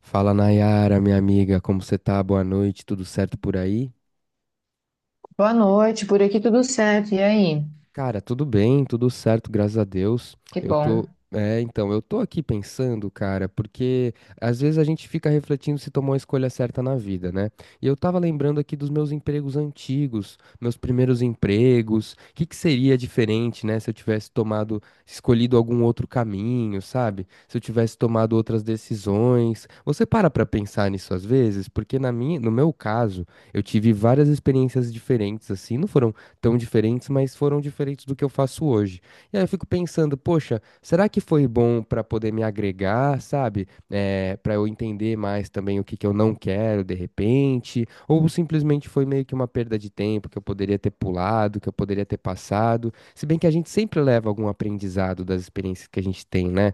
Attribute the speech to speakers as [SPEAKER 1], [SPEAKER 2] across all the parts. [SPEAKER 1] Fala Nayara, minha amiga, como você tá? Boa noite, tudo certo por aí?
[SPEAKER 2] Boa noite, por aqui tudo certo. E aí?
[SPEAKER 1] Cara, tudo bem, tudo certo, graças a Deus.
[SPEAKER 2] Que
[SPEAKER 1] Eu
[SPEAKER 2] bom.
[SPEAKER 1] tô, é, então, eu tô aqui pensando, cara, porque às vezes a gente fica refletindo se tomou a escolha certa na vida, né? E eu tava lembrando aqui dos meus empregos antigos, meus primeiros empregos, o que que seria diferente, né, se eu tivesse tomado, escolhido algum outro caminho, sabe? Se eu tivesse tomado outras decisões. Você para pra pensar nisso às vezes? Porque no meu caso, eu tive várias experiências diferentes, assim, não foram tão diferentes, mas foram diferentes do que eu faço hoje. E aí eu fico pensando, poxa, será que foi bom para poder me agregar, sabe? É, para eu entender mais também o que que eu não quero de repente, ou simplesmente foi meio que uma perda de tempo que eu poderia ter pulado, que eu poderia ter passado. Se bem que a gente sempre leva algum aprendizado das experiências que a gente tem, né?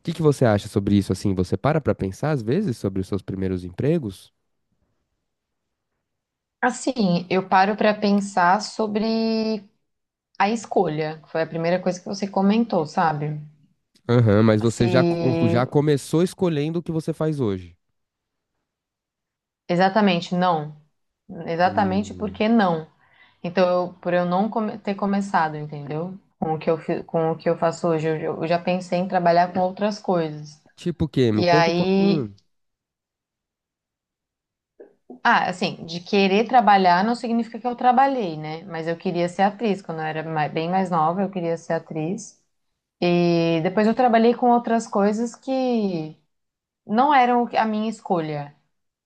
[SPEAKER 1] O que que você acha sobre isso assim? Você para pensar às vezes sobre os seus primeiros empregos?
[SPEAKER 2] Assim, eu paro para pensar sobre a escolha, que foi a primeira coisa que você comentou, sabe?
[SPEAKER 1] Aham, mas
[SPEAKER 2] Se
[SPEAKER 1] você já começou escolhendo o que você faz hoje.
[SPEAKER 2] exatamente não, exatamente
[SPEAKER 1] Hum.
[SPEAKER 2] porque não. Então, por eu não come- ter começado, entendeu? Com o que com o que eu faço hoje, eu já pensei em trabalhar com outras coisas.
[SPEAKER 1] Tipo o quê? Me
[SPEAKER 2] E
[SPEAKER 1] conta um
[SPEAKER 2] aí
[SPEAKER 1] pouquinho.
[SPEAKER 2] Ah, assim, de querer trabalhar não significa que eu trabalhei, né? Mas eu queria ser atriz. Quando eu era bem mais nova, eu queria ser atriz. E depois eu trabalhei com outras coisas que não eram a minha escolha,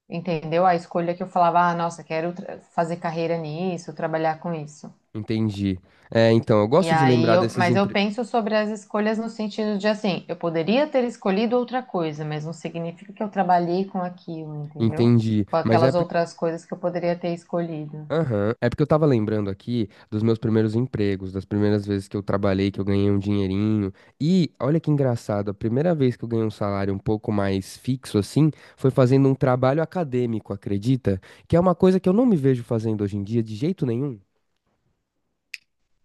[SPEAKER 2] entendeu? A escolha que eu falava, ah, nossa, quero fazer carreira nisso, trabalhar com isso.
[SPEAKER 1] Entendi. É, então, eu gosto de lembrar desses
[SPEAKER 2] Mas eu
[SPEAKER 1] empre...
[SPEAKER 2] penso sobre as escolhas no sentido de assim, eu poderia ter escolhido outra coisa, mas não significa que eu trabalhei com aquilo, entendeu?
[SPEAKER 1] Entendi.
[SPEAKER 2] Com
[SPEAKER 1] Mas é,
[SPEAKER 2] aquelas outras coisas que eu poderia ter escolhido.
[SPEAKER 1] aham. É porque eu tava lembrando aqui dos meus primeiros empregos, das primeiras vezes que eu trabalhei, que eu ganhei um dinheirinho. E olha que engraçado, a primeira vez que eu ganhei um salário um pouco mais fixo assim, foi fazendo um trabalho acadêmico, acredita? Que é uma coisa que eu não me vejo fazendo hoje em dia de jeito nenhum.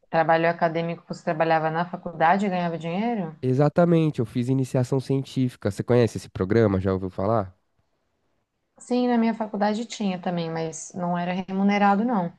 [SPEAKER 2] Trabalho acadêmico, você trabalhava na faculdade e ganhava dinheiro?
[SPEAKER 1] Exatamente, eu fiz iniciação científica. Você conhece esse programa? Já ouviu falar?
[SPEAKER 2] Sim, na minha faculdade tinha também, mas não era remunerado, não.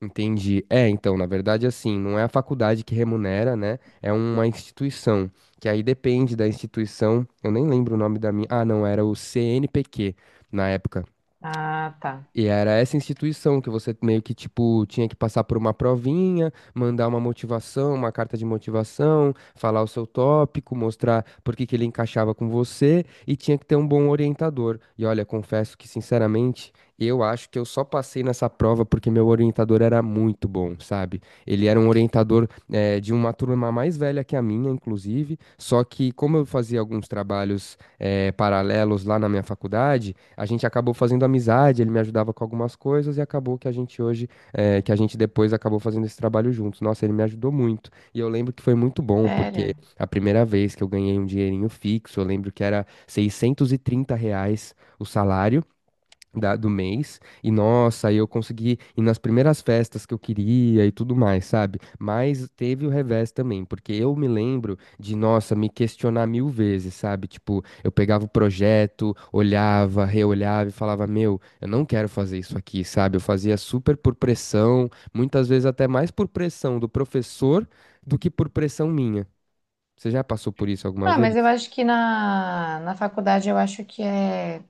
[SPEAKER 1] Entendi. É, então, na verdade, assim, não é a faculdade que remunera, né? É uma instituição, que aí depende da instituição. Eu nem lembro o nome da minha. Ah, não, era o CNPq na época.
[SPEAKER 2] Ah, tá.
[SPEAKER 1] E era essa instituição que você meio que, tipo, tinha que passar por uma provinha, mandar uma motivação, uma carta de motivação, falar o seu tópico, mostrar por que que ele encaixava com você e tinha que ter um bom orientador. E olha, confesso que, sinceramente, eu acho que eu só passei nessa prova porque meu orientador era muito bom, sabe? Ele era um orientador, de uma turma mais velha que a minha, inclusive, só que como eu fazia alguns trabalhos, paralelos lá na minha faculdade, a gente acabou fazendo amizade, ele me ajudava com algumas coisas e acabou que a gente hoje, que a gente depois acabou fazendo esse trabalho juntos. Nossa, ele me ajudou muito. E eu lembro que foi muito bom, porque
[SPEAKER 2] Sério?
[SPEAKER 1] a primeira vez que eu ganhei um dinheirinho fixo, eu lembro que era R$ 630 o salário do mês. E nossa, aí eu consegui ir nas primeiras festas que eu queria e tudo mais, sabe? Mas teve o revés também, porque eu me lembro de, nossa, me questionar mil vezes, sabe? Tipo, eu pegava o projeto, olhava, reolhava e falava, meu, eu não quero fazer isso aqui, sabe? Eu fazia super por pressão, muitas vezes até mais por pressão do professor do que por pressão minha. Você já passou por isso alguma
[SPEAKER 2] Ah, mas eu
[SPEAKER 1] vez?
[SPEAKER 2] acho que na faculdade eu acho que é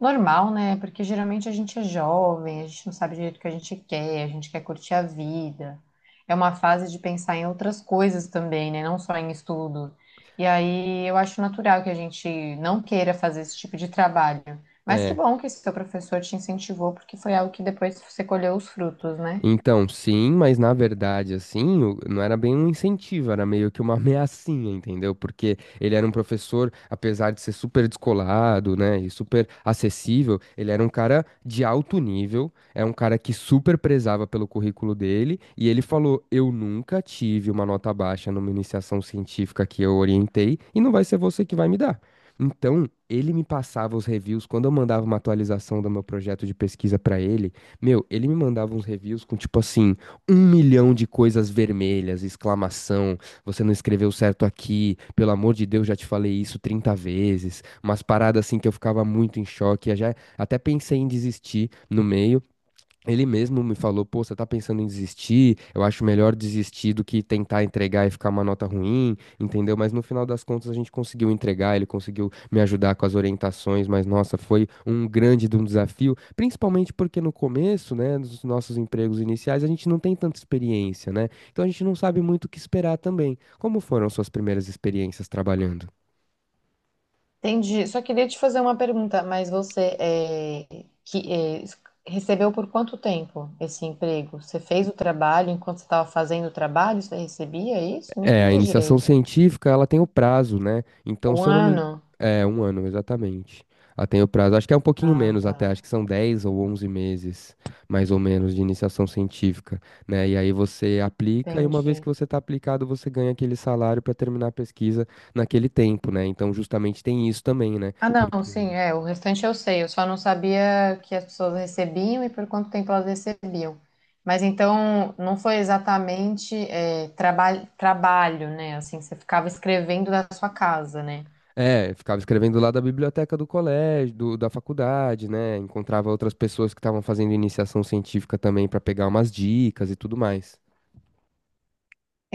[SPEAKER 2] normal, né? Porque geralmente a gente é jovem, a gente não sabe direito o que a gente quer curtir a vida. É uma fase de pensar em outras coisas também, né? Não só em estudo. E aí eu acho natural que a gente não queira fazer esse tipo de trabalho. Mas que
[SPEAKER 1] É.
[SPEAKER 2] bom que esse seu professor te incentivou, porque foi algo que depois você colheu os frutos, né?
[SPEAKER 1] Então, sim, mas na verdade, assim, não era bem um incentivo, era meio que uma ameaçinha, entendeu? Porque ele era um professor, apesar de ser super descolado, né, e super acessível, ele era um cara de alto nível, é um cara que super prezava pelo currículo dele, e ele falou: Eu nunca tive uma nota baixa numa iniciação científica que eu orientei, e não vai ser você que vai me dar. Então, ele me passava os reviews quando eu mandava uma atualização do meu projeto de pesquisa para ele. Meu, ele me mandava uns reviews com tipo assim, um milhão de coisas vermelhas, exclamação, você não escreveu certo aqui, pelo amor de Deus, já te falei isso 30 vezes, umas paradas assim que eu ficava muito em choque, eu já até pensei em desistir no meio, ele mesmo me falou, pô, você tá pensando em desistir? Eu acho melhor desistir do que tentar entregar e ficar uma nota ruim, entendeu? Mas no final das contas a gente conseguiu entregar, ele conseguiu me ajudar com as orientações, mas nossa, foi um grande de um desafio, principalmente porque no começo, né, dos nossos empregos iniciais, a gente não tem tanta experiência, né? Então a gente não sabe muito o que esperar também. Como foram suas primeiras experiências trabalhando?
[SPEAKER 2] Entendi. Só queria te fazer uma pergunta, mas você é, que, é, recebeu por quanto tempo esse emprego? Você fez o trabalho enquanto você estava fazendo o trabalho, você recebia isso? Não
[SPEAKER 1] É, a
[SPEAKER 2] entendi
[SPEAKER 1] iniciação
[SPEAKER 2] direito.
[SPEAKER 1] científica, ela tem o prazo, né? Então,
[SPEAKER 2] Um
[SPEAKER 1] se eu não me...
[SPEAKER 2] ano?
[SPEAKER 1] É, um ano, exatamente. Ela tem o prazo. Acho que é um pouquinho
[SPEAKER 2] Ah,
[SPEAKER 1] menos
[SPEAKER 2] tá.
[SPEAKER 1] até, acho que são 10 ou 11 meses, mais ou menos, de iniciação científica, né? E aí você aplica, e uma vez que
[SPEAKER 2] Entendi.
[SPEAKER 1] você está aplicado, você ganha aquele salário para terminar a pesquisa naquele tempo, né? Então, justamente tem isso também, né?
[SPEAKER 2] Ah, não,
[SPEAKER 1] Porque...
[SPEAKER 2] sim, é, o restante eu sei, eu só não sabia que as pessoas recebiam e por quanto tempo elas recebiam. Mas então não foi exatamente trabalho, né? Assim, você ficava escrevendo da sua casa, né?
[SPEAKER 1] É, ficava escrevendo lá da biblioteca do colégio, da faculdade, né? Encontrava outras pessoas que estavam fazendo iniciação científica também para pegar umas dicas e tudo mais.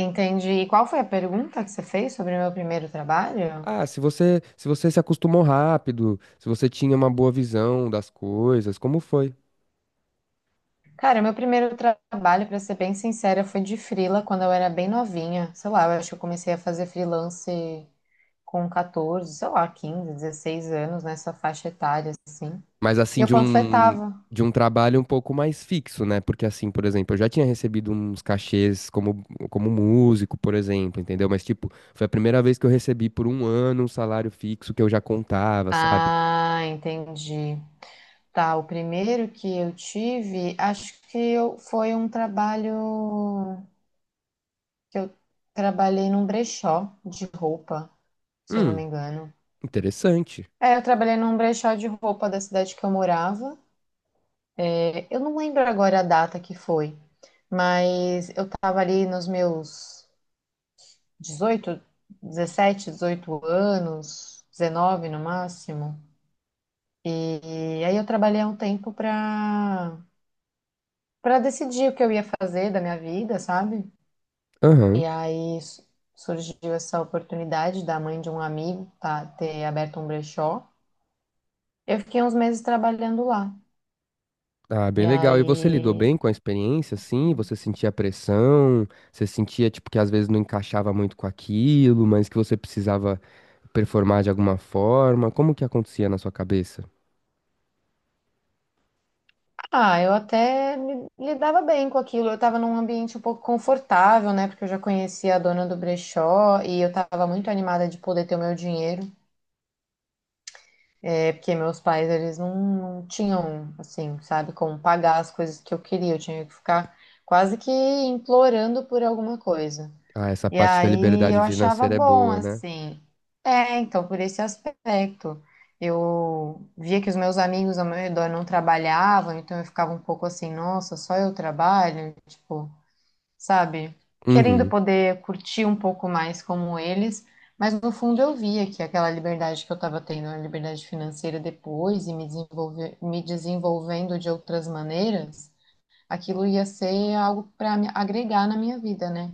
[SPEAKER 2] Entendi. E qual foi a pergunta que você fez sobre o meu primeiro trabalho?
[SPEAKER 1] Ah, se você, se você se acostumou rápido, se você tinha uma boa visão das coisas, como foi?
[SPEAKER 2] Cara, meu primeiro trabalho, pra ser bem sincera, foi de frila quando eu era bem novinha. Sei lá, eu acho que eu comecei a fazer freelance com 14, sei lá, 15, 16 anos, nessa faixa etária, assim.
[SPEAKER 1] Mas
[SPEAKER 2] E
[SPEAKER 1] assim,
[SPEAKER 2] eu
[SPEAKER 1] de um
[SPEAKER 2] panfletava.
[SPEAKER 1] de um trabalho um pouco mais fixo, né? Porque assim, por exemplo, eu já tinha recebido uns cachês como músico, por exemplo, entendeu? Mas tipo, foi a primeira vez que eu recebi por um ano um salário fixo que eu já contava, sabe?
[SPEAKER 2] Ah, entendi. Tá, o primeiro que eu tive, acho que eu, foi um trabalho que eu trabalhei num brechó de roupa, se eu não me
[SPEAKER 1] Hum,
[SPEAKER 2] engano.
[SPEAKER 1] interessante.
[SPEAKER 2] É, eu trabalhei num brechó de roupa da cidade que eu morava. É, eu não lembro agora a data que foi, mas eu tava ali nos meus 18, 17, 18 anos, 19 no máximo. E aí eu trabalhei há um tempo pra para decidir o que eu ia fazer da minha vida, sabe?
[SPEAKER 1] Aham.
[SPEAKER 2] E aí surgiu essa oportunidade da mãe de um amigo tá, ter aberto um brechó. Eu fiquei uns meses trabalhando lá.
[SPEAKER 1] Ah, bem
[SPEAKER 2] E
[SPEAKER 1] legal. E você lidou bem
[SPEAKER 2] aí
[SPEAKER 1] com a experiência, assim? Você sentia pressão? Você sentia, tipo, que às vezes não encaixava muito com aquilo, mas que você precisava performar de alguma forma? Como que acontecia na sua cabeça?
[SPEAKER 2] Ah, eu até me lidava bem com aquilo. Eu estava num ambiente um pouco confortável, né? Porque eu já conhecia a dona do brechó e eu estava muito animada de poder ter o meu dinheiro. É porque meus pais, eles não tinham, assim, sabe, como pagar as coisas que eu queria. Eu tinha que ficar quase que implorando por alguma coisa.
[SPEAKER 1] Ah, essa
[SPEAKER 2] E
[SPEAKER 1] parte da
[SPEAKER 2] aí
[SPEAKER 1] liberdade
[SPEAKER 2] eu achava
[SPEAKER 1] financeira é
[SPEAKER 2] bom,
[SPEAKER 1] boa, né?
[SPEAKER 2] assim. É, então, por esse aspecto. Eu via que os meus amigos ao meu redor não trabalhavam, então eu ficava um pouco assim, nossa, só eu trabalho? Tipo, sabe? Querendo
[SPEAKER 1] Uhum.
[SPEAKER 2] poder curtir um pouco mais como eles, mas no fundo eu via que aquela liberdade que eu estava tendo, a liberdade financeira depois e me desenvolver, me desenvolvendo de outras maneiras, aquilo ia ser algo para agregar na minha vida, né?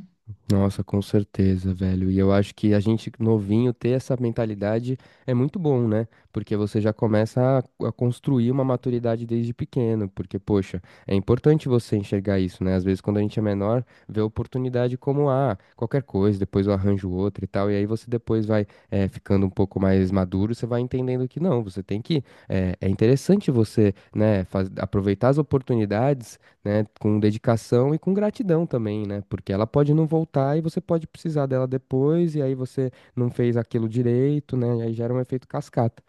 [SPEAKER 1] Nossa, com certeza, velho. E eu acho que a gente novinho ter essa mentalidade é muito bom, né? Porque você já começa a construir uma maturidade desde pequeno. Porque, poxa, é importante você enxergar isso, né? Às vezes, quando a gente é menor, vê a oportunidade como, ah, qualquer coisa, depois eu arranjo outra e tal. E aí você depois vai ficando um pouco mais maduro, você vai entendendo que não, você tem que. É interessante você, né, aproveitar as oportunidades né, com dedicação e com gratidão também, né? Porque ela pode não voltar e você pode precisar dela depois, e aí você não fez aquilo direito, né? E aí gera um efeito cascata.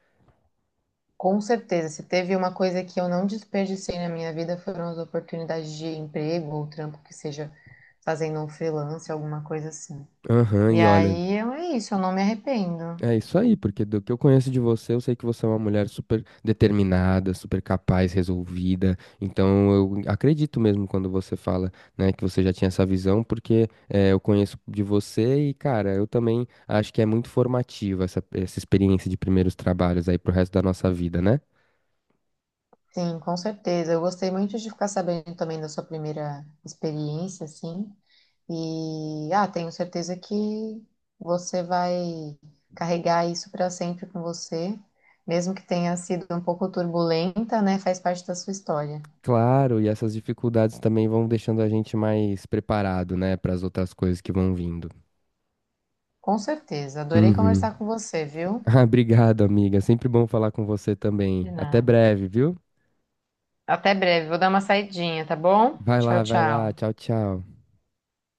[SPEAKER 2] Com certeza, se teve uma coisa que eu não desperdicei na minha vida foram as oportunidades de emprego ou trampo que seja fazendo um freelance, alguma coisa assim.
[SPEAKER 1] Aham, e olha,
[SPEAKER 2] É isso, eu não me arrependo.
[SPEAKER 1] é isso aí, porque do que eu conheço de você, eu sei que você é uma mulher super determinada, super capaz, resolvida. Então eu acredito mesmo quando você fala, né, que você já tinha essa visão, porque eu conheço de você e, cara, eu também acho que é muito formativa essa experiência de primeiros trabalhos aí pro resto da nossa vida, né?
[SPEAKER 2] Sim, com certeza. Eu gostei muito de ficar sabendo também da sua primeira experiência, assim. E ah, tenho certeza que você vai carregar isso para sempre com você, mesmo que tenha sido um pouco turbulenta, né? Faz parte da sua história.
[SPEAKER 1] Claro, e essas dificuldades também vão deixando a gente mais preparado, né, para as outras coisas que vão vindo.
[SPEAKER 2] Com certeza. Adorei
[SPEAKER 1] Uhum.
[SPEAKER 2] conversar com você, viu?
[SPEAKER 1] Ah, obrigado, amiga. Sempre bom falar com você também.
[SPEAKER 2] De
[SPEAKER 1] Até
[SPEAKER 2] nada.
[SPEAKER 1] breve, viu?
[SPEAKER 2] Até breve. Vou dar uma saidinha, tá bom?
[SPEAKER 1] Vai
[SPEAKER 2] Tchau,
[SPEAKER 1] lá, vai
[SPEAKER 2] tchau.
[SPEAKER 1] lá. Tchau, tchau.